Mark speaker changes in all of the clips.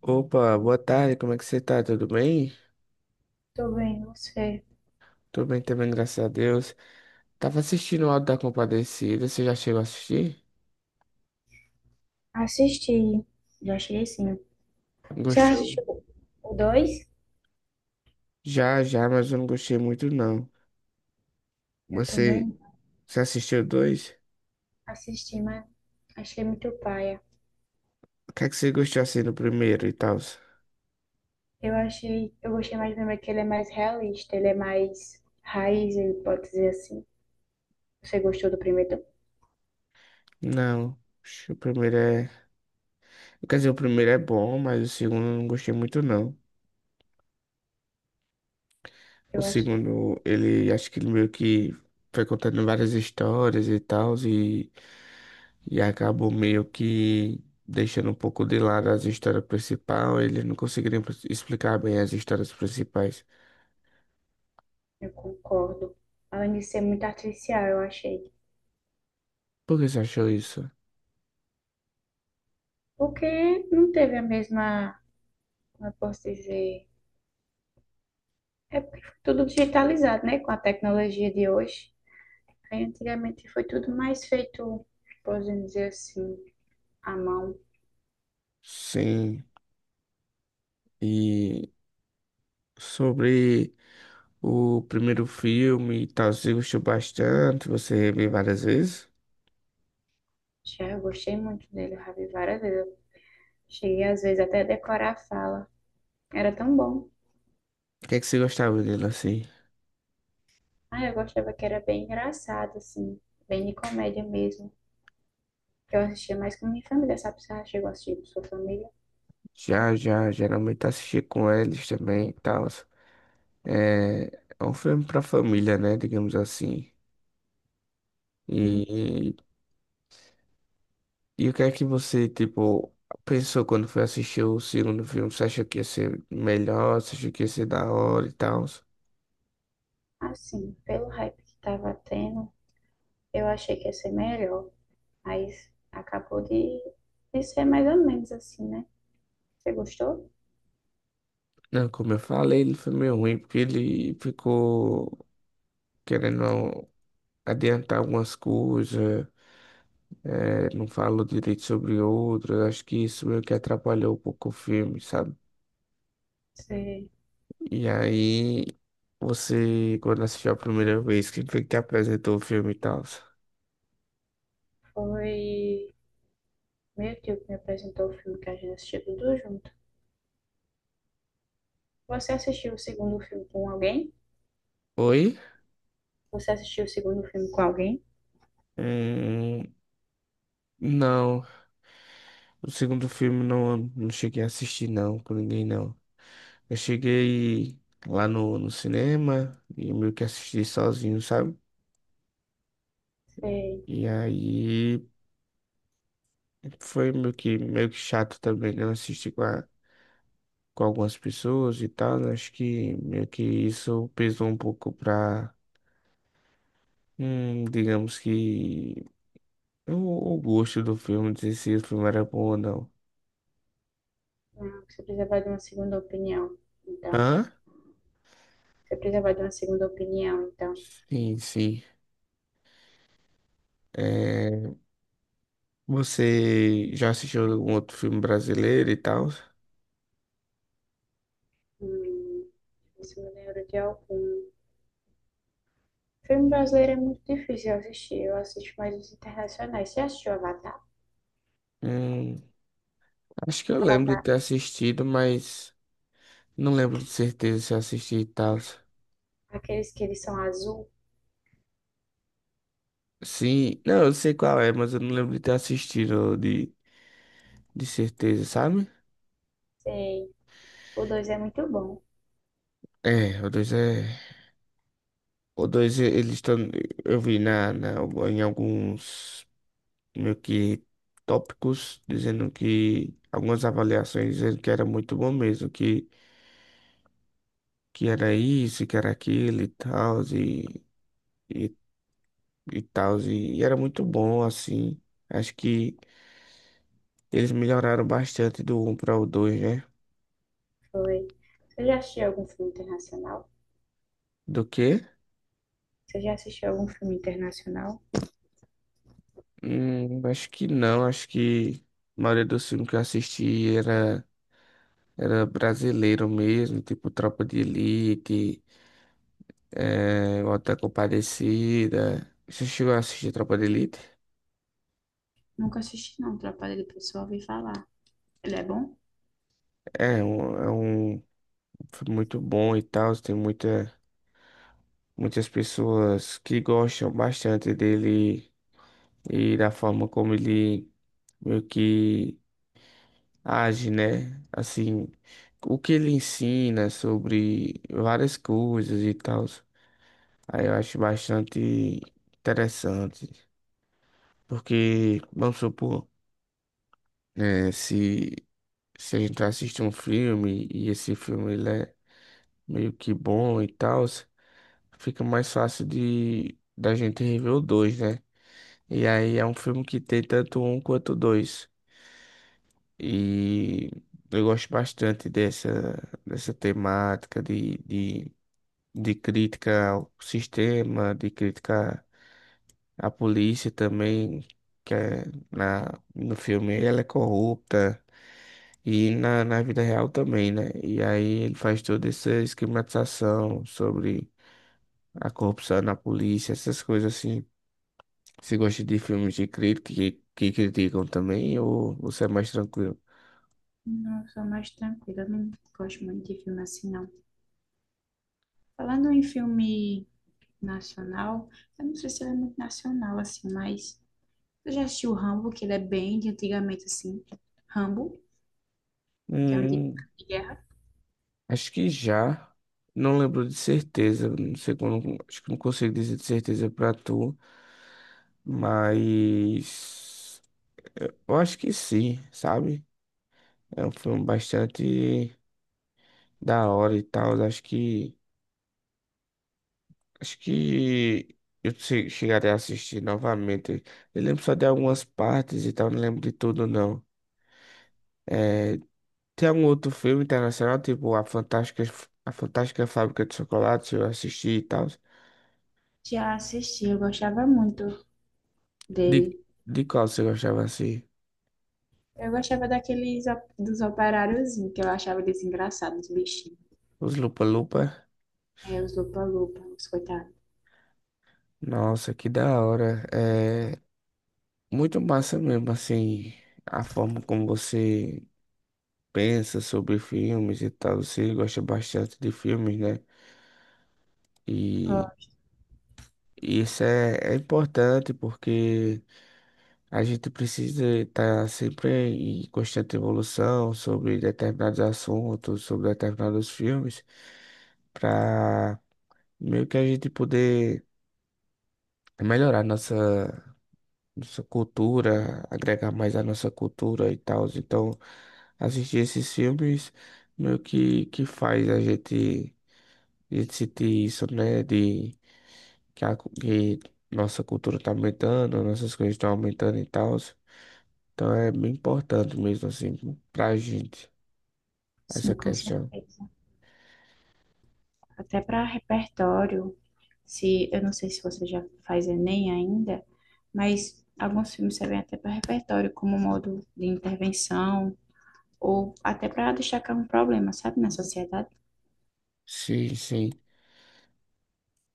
Speaker 1: Opa, boa tarde, como é que você tá? Tudo bem?
Speaker 2: Tô bem, você.
Speaker 1: Tudo bem também, graças a Deus. Tava assistindo o Auto da Compadecida, você já chegou a assistir?
Speaker 2: Assisti. Já achei, sim. Você
Speaker 1: Gostou?
Speaker 2: assistiu? O dois.
Speaker 1: Já, já, mas eu não gostei muito não.
Speaker 2: Eu
Speaker 1: Você,
Speaker 2: também
Speaker 1: você assistiu dois?
Speaker 2: assisti, mas achei muito paia.
Speaker 1: O que é que você gostou assim do primeiro e tal?
Speaker 2: Eu gostei mais do primeiro, que ele é mais realista, ele é mais raiz, ele pode dizer assim. Você gostou do primeiro?
Speaker 1: Não, acho que o primeiro é... Quer dizer, o primeiro é bom, mas o segundo eu não gostei muito não. O
Speaker 2: Eu acho,
Speaker 1: segundo, ele, acho que ele meio que foi contando várias histórias e tal, e acabou meio que deixando um pouco de lado as histórias principais. Eles não conseguiriam explicar bem as histórias principais.
Speaker 2: eu concordo. Além de ser muito artificial, eu achei.
Speaker 1: Por que você achou isso?
Speaker 2: Porque não teve a mesma, como eu posso dizer? É porque foi tudo digitalizado, né? Com a tecnologia de hoje. Aí antigamente foi tudo mais feito, podemos dizer assim, à mão.
Speaker 1: Sim, e sobre o primeiro filme e tal, você gostou bastante? Você viu várias vezes?
Speaker 2: Já eu gostei muito dele, eu já vi várias vezes. Eu cheguei às vezes até a decorar a fala. Era tão bom.
Speaker 1: O que é que você gostava dele assim?
Speaker 2: Ah, eu gostava que era bem engraçado, assim, bem de comédia mesmo. Que eu assistia mais com minha família, sabe? Você já chegou a assistir com sua família?
Speaker 1: Já, já, geralmente assisti com eles também e tal. É, é um filme pra família, né? Digamos assim.
Speaker 2: Enfim.
Speaker 1: E E o que é que você, tipo, pensou quando foi assistir o segundo filme? Você achou que ia ser melhor? Você achou que ia ser da hora e tal?
Speaker 2: Assim, pelo hype que tava tendo, eu achei que ia ser melhor. Mas acabou de ser mais ou menos assim, né? Você gostou?
Speaker 1: Não, como eu falei, ele foi meio ruim, porque ele ficou querendo adiantar algumas coisas, não falou direito sobre outras. Acho que isso meio que atrapalhou um pouco o filme, sabe?
Speaker 2: Você
Speaker 1: E aí, você, quando assistiu a primeira vez, quem foi que te apresentou o filme e tal?
Speaker 2: foi meu tio que me apresentou o filme, que a gente assistiu tudo junto. Você assistiu o segundo filme com alguém?
Speaker 1: Oi?
Speaker 2: Você assistiu o segundo filme com alguém?
Speaker 1: Hum, não, o segundo filme não, não cheguei a assistir não, com ninguém não. Eu cheguei lá no cinema e meio que assisti sozinho, sabe?
Speaker 2: Sei.
Speaker 1: E aí foi meio que chato também, né? Eu assisti com algumas pessoas e tal, né? Acho que meio que isso pesou um pouco pra, digamos que, o, o gosto do filme, dizer se o filme era bom ou não.
Speaker 2: Não, você precisava de uma segunda opinião. Então,
Speaker 1: Hã?
Speaker 2: você precisava de uma segunda opinião. Então,
Speaker 1: Sim, sim. É, você já assistiu algum outro filme brasileiro e tal?
Speaker 2: hum, isso me lembro de algum. Filme brasileiro é muito difícil eu assistir. Eu assisto mais os internacionais. Você assistiu Avatar?
Speaker 1: Hum, acho que eu lembro de
Speaker 2: Avatar,
Speaker 1: ter assistido, mas não lembro de certeza se eu assisti e tal.
Speaker 2: aqueles que eles são azul?
Speaker 1: Sim, não, eu sei qual é, mas eu não lembro de ter assistido de certeza, sabe?
Speaker 2: Sei. O dois é muito bom.
Speaker 1: É, o dois é. Eles estão. Eu vi na, em alguns meio que tópicos dizendo que. Algumas avaliações dizendo que era muito bom mesmo, que era isso, que era aquilo e tal, e, e tal, e era muito bom, assim. Acho que eles melhoraram bastante do um para o dois, né?
Speaker 2: Foi. Você já assistiu algum filme internacional?
Speaker 1: Do quê?
Speaker 2: Você já assistiu algum filme internacional?
Speaker 1: Acho que não, acho que a maioria dos filmes que eu assisti era brasileiro mesmo, tipo Tropa de Elite, é, O Auto da Compadecida. Você chegou a assistir Tropa de Elite?
Speaker 2: Nunca assisti, não. Trapalhado pessoal, ouvi falar. Ele é bom?
Speaker 1: É, é um filme muito bom e tal, tem muita. Muitas pessoas que gostam bastante dele e da forma como ele meio que age, né? Assim, o que ele ensina sobre várias coisas e tal. Aí eu acho bastante interessante. Porque, vamos supor, né, se a gente assiste um filme e esse filme ele é meio que bom e tal, fica mais fácil de da gente rever o dois, né? E aí é um filme que tem tanto um quanto dois. E eu gosto bastante dessa, dessa temática de crítica ao sistema, de crítica à polícia também, que é no filme ela é corrupta e na vida real também, né? E aí ele faz toda essa esquematização sobre a corrupção na polícia, essas coisas assim. Você gosta de filmes de crítica que criticam também ou você é mais tranquilo?
Speaker 2: Não, eu sou mais tranquila. Eu não gosto muito de filme assim, não. Falando em filme nacional, eu não sei se ele é muito nacional, assim, mas eu já assisti o Rambo, que ele é bem de antigamente, assim. Rambo, que é um de
Speaker 1: Hum,
Speaker 2: de guerra.
Speaker 1: acho que já. Não lembro de certeza. Não sei quando. Acho que não consigo dizer de certeza pra tu. Mas eu acho que sim, sabe? É um filme bastante da hora e tal. Acho que eu chegarei a assistir novamente. Eu lembro só de algumas partes e tal, não lembro de tudo não. É, tem algum outro filme internacional, tipo A Fantástica Fábrica de Chocolate, eu assisti e tal.
Speaker 2: Já assisti, eu gostava muito
Speaker 1: De,
Speaker 2: dele.
Speaker 1: de qual você gostava assim?
Speaker 2: Eu gostava daqueles op- dos operáriozinhos, que eu achava eles engraçados, os bichinhos.
Speaker 1: Os Lupa Lupa?
Speaker 2: É, os lupa-lupa, os coitados.
Speaker 1: Nossa, que da hora. É muito massa mesmo, assim, a forma como você pensa sobre filmes e tal. Você gosta bastante de filmes, né? E isso é importante porque a gente precisa estar sempre em constante evolução sobre determinados assuntos, sobre determinados filmes, para meio que a gente poder melhorar nossa, nossa cultura, agregar mais à nossa cultura e tal. Então, assistir esses filmes meio que faz a gente sentir isso, né? De que nossa cultura está aumentando, nossas coisas estão aumentando e tal. Então é bem importante mesmo assim pra gente essa
Speaker 2: Sim, com
Speaker 1: questão.
Speaker 2: certeza. Até para repertório, se eu não sei se você já faz Enem ainda, mas alguns filmes servem até para repertório, como modo de intervenção, ou até para destacar um problema, sabe, na sociedade.
Speaker 1: Sim, sim.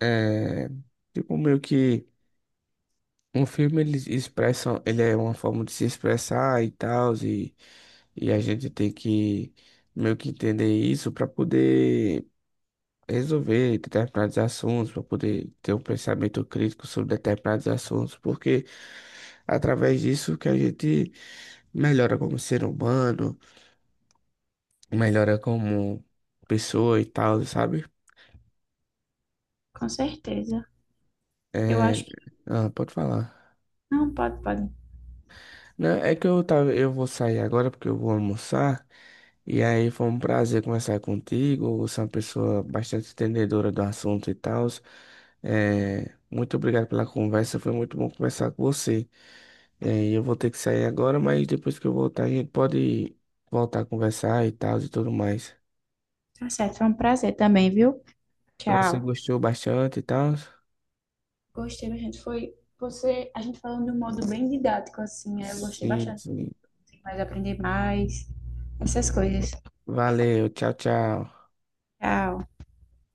Speaker 1: É, tipo meio que um filme eles expressam, ele é uma forma de se expressar e tal, e a gente tem que meio que entender isso para poder resolver determinados assuntos, para poder ter um pensamento crítico sobre determinados assuntos, porque através disso que a gente melhora como ser humano melhora como pessoa e tal, sabe?
Speaker 2: Com certeza. Eu
Speaker 1: É...
Speaker 2: acho que.
Speaker 1: Ah, pode falar.
Speaker 2: Não, pode, pode.
Speaker 1: Não, é que eu tava, eu vou sair agora porque eu vou almoçar. E aí foi um prazer conversar contigo. Você é uma pessoa bastante entendedora do assunto e tal. É, muito obrigado pela conversa. Foi muito bom conversar com você. É, e eu vou ter que sair agora, mas depois que eu voltar, a gente pode voltar a conversar e tal e tudo mais.
Speaker 2: Tá certo, foi um prazer também, viu?
Speaker 1: Você
Speaker 2: Tchau.
Speaker 1: gostou bastante e tal?
Speaker 2: Gostei, a gente foi você, a gente falando de um modo bem didático, assim, eu gostei
Speaker 1: Sim,
Speaker 2: bastante.
Speaker 1: sim.
Speaker 2: Mas aprender mais, essas coisas.
Speaker 1: Valeu, tchau, tchau.
Speaker 2: Tchau.